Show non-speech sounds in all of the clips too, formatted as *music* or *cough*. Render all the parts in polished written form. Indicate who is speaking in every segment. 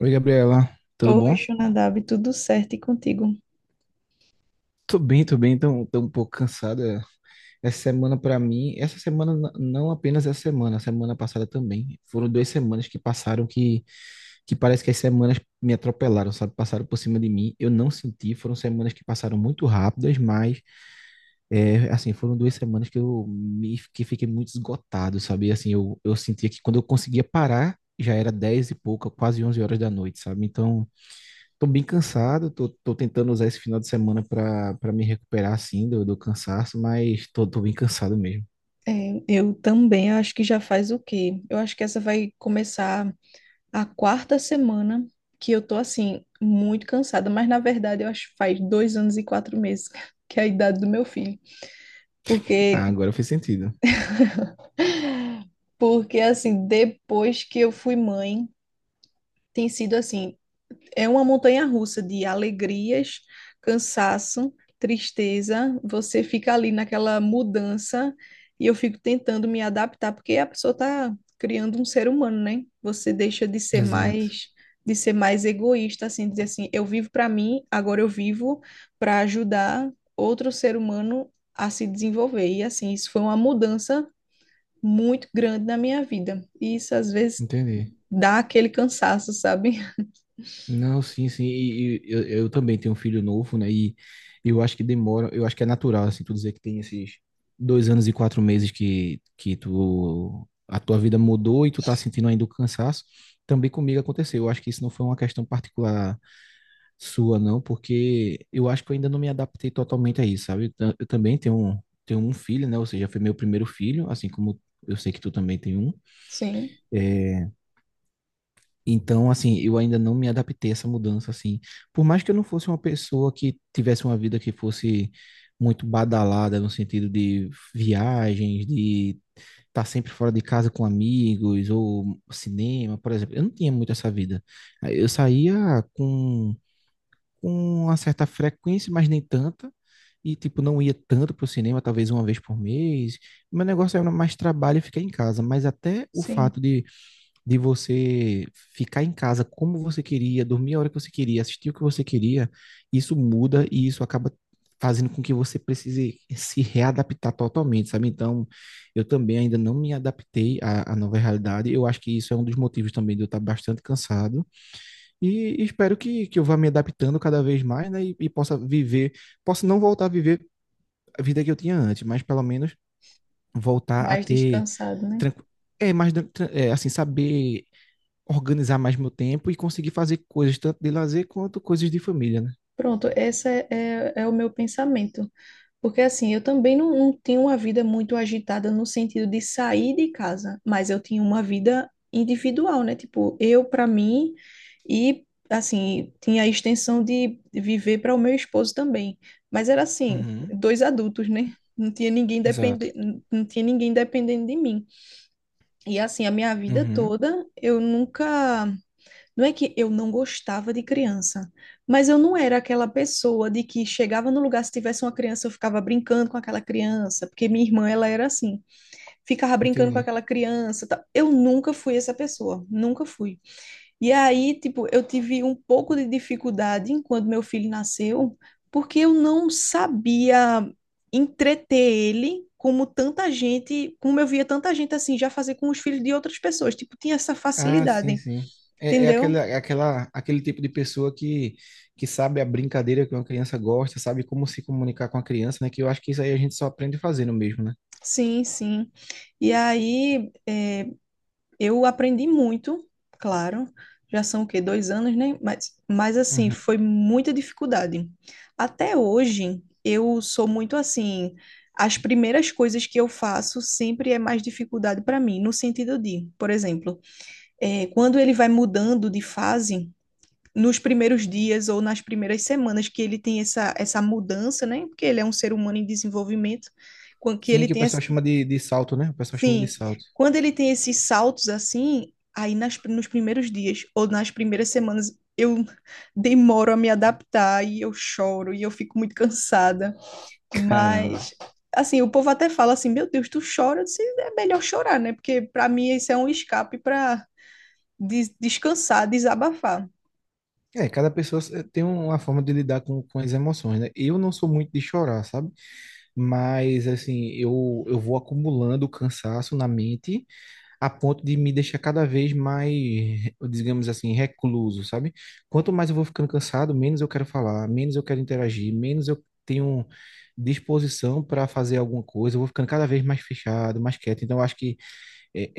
Speaker 1: Oi, Gabriela, tudo
Speaker 2: Oi,
Speaker 1: bom?
Speaker 2: Xunadab, tudo certo e contigo?
Speaker 1: Tô bem, tô um pouco cansada. Essa semana pra mim, essa semana não apenas essa semana, a semana passada também. Foram duas semanas que passaram que parece que as semanas me atropelaram, sabe? Passaram por cima de mim. Eu não senti, foram semanas que passaram muito rápidas, mas é, assim, foram duas semanas que eu me que fiquei muito esgotado, sabe? E, assim, eu sentia que quando eu conseguia parar, já era 10 e pouca, quase 11 horas da noite, sabe? Então, tô bem cansado, tô tentando usar esse final de semana pra me recuperar, assim, do cansaço, mas tô bem cansado mesmo.
Speaker 2: É, eu também acho que já faz o quê? Eu acho que essa vai começar a quarta semana que eu tô assim, muito cansada, mas na verdade eu acho que faz 2 anos e 4 meses, *laughs* que é a idade do meu filho.
Speaker 1: Ah,
Speaker 2: Porque,
Speaker 1: agora fez sentido.
Speaker 2: porque assim, depois que eu fui mãe, tem sido assim, é uma montanha russa de alegrias, cansaço, tristeza. Você fica ali naquela mudança e eu fico tentando me adaptar, porque a pessoa está criando um ser humano, né? Você deixa de ser
Speaker 1: Exato,
Speaker 2: mais de ser mais egoísta, assim, dizer assim, eu vivo para mim, agora eu vivo para ajudar outro ser humano a se desenvolver. E assim, isso foi uma mudança muito grande na minha vida. E isso às vezes
Speaker 1: entendi.
Speaker 2: dá aquele cansaço, sabe? *laughs*
Speaker 1: Não, sim, sim, e eu também tenho um filho novo, né, e eu acho que demora, eu acho que é natural, assim, tu dizer que tem esses 2 anos e 4 meses que tu, a tua vida mudou e tu tá sentindo ainda o cansaço, também comigo aconteceu, eu acho que isso não foi uma questão particular sua, não, porque eu acho que eu ainda não me adaptei totalmente a isso, sabe? Eu também tenho tenho um filho, né? Ou seja, foi meu primeiro filho, assim como eu sei que tu também tem um.
Speaker 2: Sim,
Speaker 1: É, então, assim, eu ainda não me adaptei a essa mudança, assim. Por mais que eu não fosse uma pessoa que tivesse uma vida que fosse muito badalada no sentido de viagens, de estar sempre fora de casa com amigos ou cinema, por exemplo. Eu não tinha muito essa vida. Eu saía com com uma certa frequência, mas nem tanta. E, tipo, não ia tanto pro cinema, talvez uma vez por mês. Meu negócio era mais trabalho e ficar em casa. Mas até o
Speaker 2: sim.
Speaker 1: fato de você ficar em casa como você queria, dormir a hora que você queria, assistir o que você queria, isso muda e isso acaba fazendo com que você precise se readaptar totalmente, sabe? Então, eu também ainda não me adaptei à nova realidade. Eu acho que isso é um dos motivos também de eu estar bastante cansado e espero que eu vá me adaptando cada vez mais, né? E possa viver, possa não voltar a viver a vida que eu tinha antes, mas pelo menos voltar a
Speaker 2: Mais
Speaker 1: ter,
Speaker 2: descansado, né?
Speaker 1: tranqu- é, mais, é, assim, saber organizar mais meu tempo e conseguir fazer coisas tanto de lazer quanto coisas de família, né?
Speaker 2: Pronto, esse é o meu pensamento. Porque assim, eu também não tinha uma vida muito agitada no sentido de sair de casa, mas eu tinha uma vida individual, né? Tipo, eu para mim e assim, tinha a extensão de viver para o meu esposo também. Mas era assim,
Speaker 1: Uhum,
Speaker 2: dois adultos, né?
Speaker 1: exato.
Speaker 2: Não tinha ninguém dependendo de mim. E assim, a minha vida
Speaker 1: Uhum,
Speaker 2: toda, eu nunca. Não é que eu não gostava de criança, mas eu não era aquela pessoa de que chegava no lugar, se tivesse uma criança, eu ficava brincando com aquela criança, porque minha irmã, ela era assim, ficava brincando com
Speaker 1: entendi.
Speaker 2: aquela criança. Tal. Eu nunca fui essa pessoa, nunca fui. E aí, tipo, eu tive um pouco de dificuldade quando meu filho nasceu, porque eu não sabia entreter ele. Como eu via tanta gente assim, já fazer com os filhos de outras pessoas. Tipo, tinha essa
Speaker 1: Ah, sim,
Speaker 2: facilidade,
Speaker 1: sim. É,
Speaker 2: entendeu?
Speaker 1: aquele tipo de pessoa que sabe a brincadeira que uma criança gosta, sabe como se comunicar com a criança, né? Que eu acho que isso aí a gente só aprende fazendo mesmo, né?
Speaker 2: Sim, sim. E aí, eu aprendi muito, claro. Já são o quê? 2 anos, né? Mas assim,
Speaker 1: Uhum.
Speaker 2: foi muita dificuldade. Até hoje, eu sou muito assim. As primeiras coisas que eu faço sempre é mais dificuldade para mim, no sentido de, por exemplo, quando ele vai mudando de fase, nos primeiros dias ou nas primeiras semanas que ele tem essa mudança, né? Porque ele é um ser humano em desenvolvimento com que
Speaker 1: Sim,
Speaker 2: ele
Speaker 1: que o
Speaker 2: tenha.
Speaker 1: pessoal chama de salto, né? O pessoal chama de
Speaker 2: Sim,
Speaker 1: salto.
Speaker 2: quando ele tem esses saltos assim, aí nos primeiros dias ou nas primeiras semanas eu *laughs* demoro a me adaptar e eu choro e eu fico muito cansada.
Speaker 1: Caramba.
Speaker 2: Mas, assim, o povo até fala assim: Meu Deus, tu chora? Eu disse, é melhor chorar, né? Porque pra mim isso é um escape pra descansar, desabafar.
Speaker 1: É, cada pessoa se- tem uma forma de lidar com as emoções, né? Eu não sou muito de chorar, sabe? Mas, assim, eu vou acumulando cansaço na mente a ponto de me deixar cada vez mais, digamos assim, recluso, sabe? Quanto mais eu vou ficando cansado, menos eu quero falar, menos eu quero interagir, menos eu tenho disposição para fazer alguma coisa, eu vou ficando cada vez mais fechado, mais quieto. Então, eu acho que é,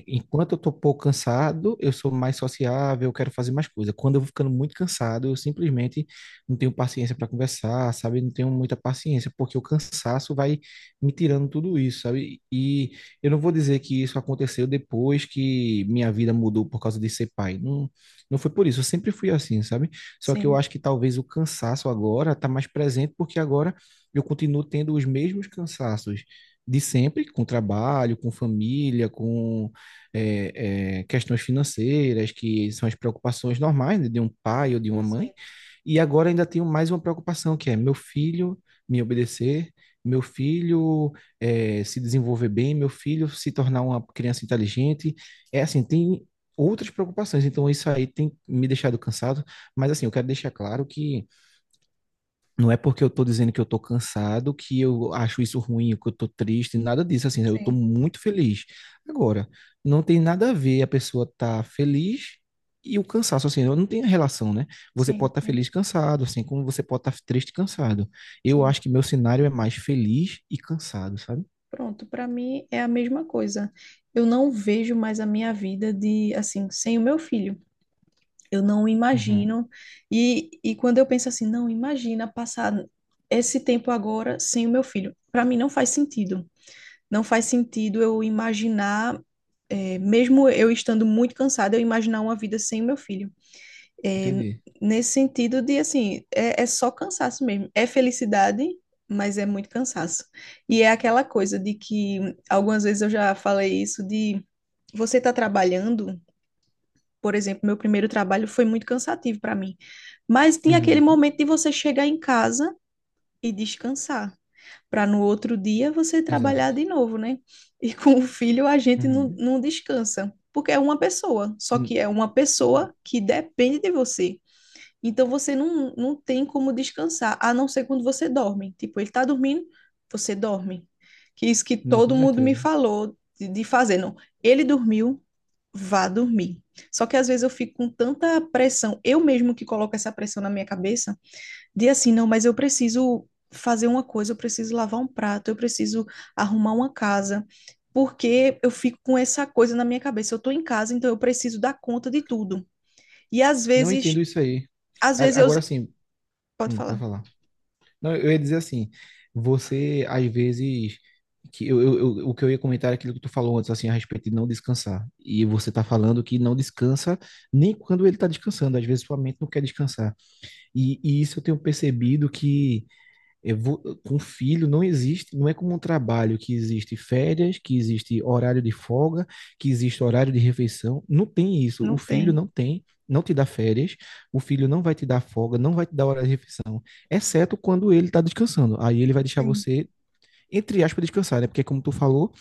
Speaker 1: enquanto eu tô um pouco cansado, eu sou mais sociável, eu quero fazer mais coisa. Quando eu vou ficando muito cansado, eu simplesmente não tenho paciência para conversar, sabe? Não tenho muita paciência, porque o cansaço vai me tirando tudo isso, sabe? E eu não vou dizer que isso aconteceu depois que minha vida mudou por causa de ser pai. Não, não foi por isso, eu sempre fui assim, sabe? Só que eu
Speaker 2: Sim,
Speaker 1: acho que talvez o cansaço agora tá mais presente, porque agora eu continuo tendo os mesmos cansaços de sempre, com trabalho, com família, com questões financeiras, que são as preocupações normais, né, de um pai ou de uma mãe.
Speaker 2: sim,
Speaker 1: E agora ainda tenho mais uma preocupação, que é meu filho me obedecer, meu filho se desenvolver bem, meu filho se tornar uma criança inteligente. É assim, tem outras preocupações, então isso aí tem me deixado cansado, mas assim, eu quero deixar claro que não é porque eu tô dizendo que eu tô cansado, que eu acho isso ruim, que eu tô triste, nada disso, assim, né, eu tô
Speaker 2: sim,
Speaker 1: muito feliz. Agora, não tem nada a ver a pessoa tá feliz e o cansaço, assim, não tem relação, né? Você
Speaker 2: sim,
Speaker 1: pode estar
Speaker 2: sim,
Speaker 1: feliz cansado, assim, como você pode estar triste cansado. Eu
Speaker 2: sim.
Speaker 1: acho que meu cenário é mais feliz e cansado, sabe?
Speaker 2: Pronto, pra mim é a mesma coisa. Eu não vejo mais a minha vida de assim, sem o meu filho. Eu não
Speaker 1: Uhum,
Speaker 2: imagino. E quando eu penso assim, não, imagina passar esse tempo agora sem o meu filho. Para mim não faz sentido. Não faz sentido eu imaginar, mesmo eu estando muito cansada, eu imaginar uma vida sem o meu filho. Eh,
Speaker 1: entendi.
Speaker 2: Nesse sentido de, assim, é, é só cansaço mesmo. É felicidade, mas é muito cansaço. E é aquela coisa de que, algumas vezes eu já falei isso, de você tá trabalhando, por exemplo, meu primeiro trabalho foi muito cansativo para mim. Mas tem aquele
Speaker 1: Uhum,
Speaker 2: momento de você chegar em casa e descansar, para no outro dia você trabalhar
Speaker 1: exato.
Speaker 2: de novo, né? E *laughs* com o filho a gente não,
Speaker 1: Uhum.
Speaker 2: não descansa, porque é uma pessoa, só que é
Speaker 1: N-
Speaker 2: uma pessoa que depende de você. Então você não tem como descansar, a não ser quando você dorme. Tipo, ele tá dormindo, você dorme. Que isso que
Speaker 1: Não, com
Speaker 2: todo mundo me
Speaker 1: certeza.
Speaker 2: falou de fazer, não. Ele dormiu, vá dormir. Só que às vezes eu fico com tanta pressão, eu mesmo que coloco essa pressão na minha cabeça, de assim, não, mas eu preciso fazer uma coisa, eu preciso lavar um prato, eu preciso arrumar uma casa, porque eu fico com essa coisa na minha cabeça. Eu tô em casa, então eu preciso dar conta de tudo. E
Speaker 1: Não entendo isso aí.
Speaker 2: às vezes
Speaker 1: Agora
Speaker 2: eu.
Speaker 1: sim,
Speaker 2: Pode
Speaker 1: pode
Speaker 2: falar.
Speaker 1: falar. Não, eu ia dizer assim, você às vezes que eu- o que eu ia comentar é aquilo que tu falou antes assim a respeito de não descansar. E você tá falando que não descansa nem quando ele tá descansando, às vezes sua mente não quer descansar. E isso eu tenho percebido eu vou- com filho não existe, não é como um trabalho que existe férias, que existe horário de folga, que existe horário de refeição. Não tem isso. O
Speaker 2: Não
Speaker 1: filho
Speaker 2: tem.
Speaker 1: não tem, não te dá férias, o filho não vai te dar folga, não vai te dar hora de refeição, exceto quando ele está descansando. Aí ele vai deixar
Speaker 2: Sim.
Speaker 1: você, entre aspas, descansar, né? Porque como tu falou,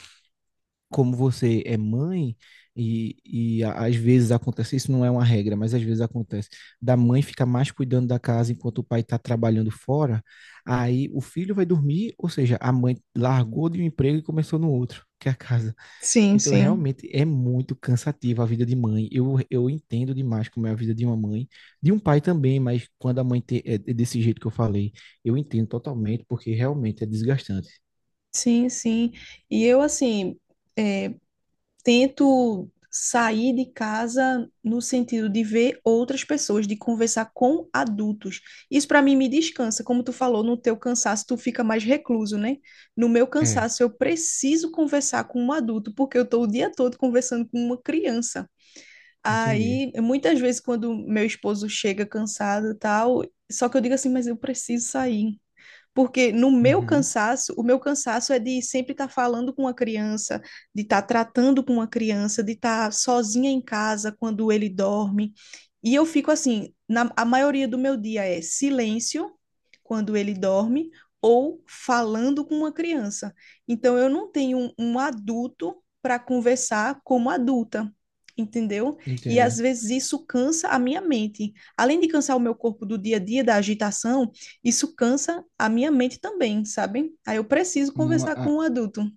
Speaker 1: como você é mãe, e, e às vezes acontece, isso não é uma regra, mas às vezes acontece, da mãe ficar mais cuidando da casa enquanto o pai está trabalhando fora, aí o filho vai dormir, ou seja, a mãe largou de um emprego e começou no outro, *laughs* que é a casa.
Speaker 2: Sim,
Speaker 1: Então,
Speaker 2: sim.
Speaker 1: realmente é muito cansativa a vida de mãe. Eu entendo demais como é a vida de uma mãe, de um pai também, mas quando a é é desse jeito que eu falei, eu entendo totalmente, porque realmente é desgastante.
Speaker 2: Sim, sim. E eu, assim, eh, tento sair de casa no sentido de ver outras pessoas, de conversar com adultos. Isso para mim me descansa, como tu falou, no teu cansaço tu fica mais recluso, né? No meu
Speaker 1: É,
Speaker 2: cansaço eu preciso conversar com um adulto, porque eu tô o dia todo conversando com uma criança.
Speaker 1: entendi.
Speaker 2: Aí, muitas vezes quando meu esposo chega cansado, e tal, só que eu digo assim, mas eu preciso sair. Porque no meu
Speaker 1: Uhum,
Speaker 2: cansaço, o meu cansaço é de sempre estar falando com uma criança, de estar tratando com uma criança, de estar sozinha em casa quando ele dorme. E eu fico assim, a maioria do meu dia é silêncio quando ele dorme ou falando com uma criança. Então eu não tenho um adulto para conversar como adulta, entendeu? E às
Speaker 1: entendo.
Speaker 2: vezes isso cansa a minha mente. Além de cansar o meu corpo do dia a dia da agitação, isso cansa a minha mente também, sabe? Aí eu preciso
Speaker 1: Não,
Speaker 2: conversar com um adulto.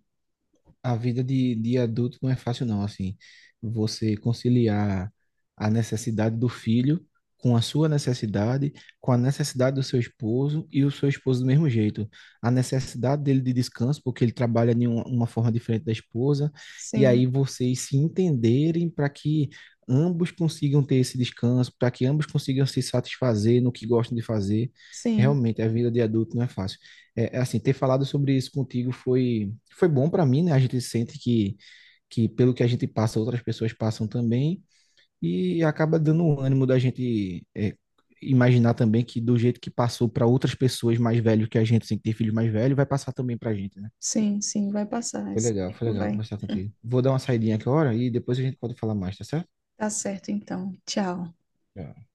Speaker 1: a vida de adulto não é fácil, não. Assim, você conciliar a necessidade do filho com a sua necessidade, com a necessidade do seu esposo e o seu esposo do mesmo jeito. A necessidade dele de descanso, porque ele trabalha de uma forma diferente da esposa, e aí
Speaker 2: Sim,
Speaker 1: vocês se entenderem para que ambos consigam ter esse descanso, para que ambos consigam se satisfazer no que gostam de fazer.
Speaker 2: sim,
Speaker 1: Realmente, a vida de adulto não é fácil. É, é assim, ter falado sobre isso contigo foi bom para mim, né? A gente sente que pelo que a gente passa, outras pessoas passam também, e acaba dando um ânimo da gente é, imaginar também que do jeito que passou para outras pessoas mais velhas que a gente, sem ter filhos mais velhos, vai passar também pra gente, né?
Speaker 2: sim, sim, vai passar. Esse
Speaker 1: Foi
Speaker 2: tempo
Speaker 1: legal
Speaker 2: vai.
Speaker 1: conversar contigo. Vou dar uma saidinha agora e depois a gente pode falar mais, tá certo?
Speaker 2: Tá certo, então. Tchau.
Speaker 1: Tchau.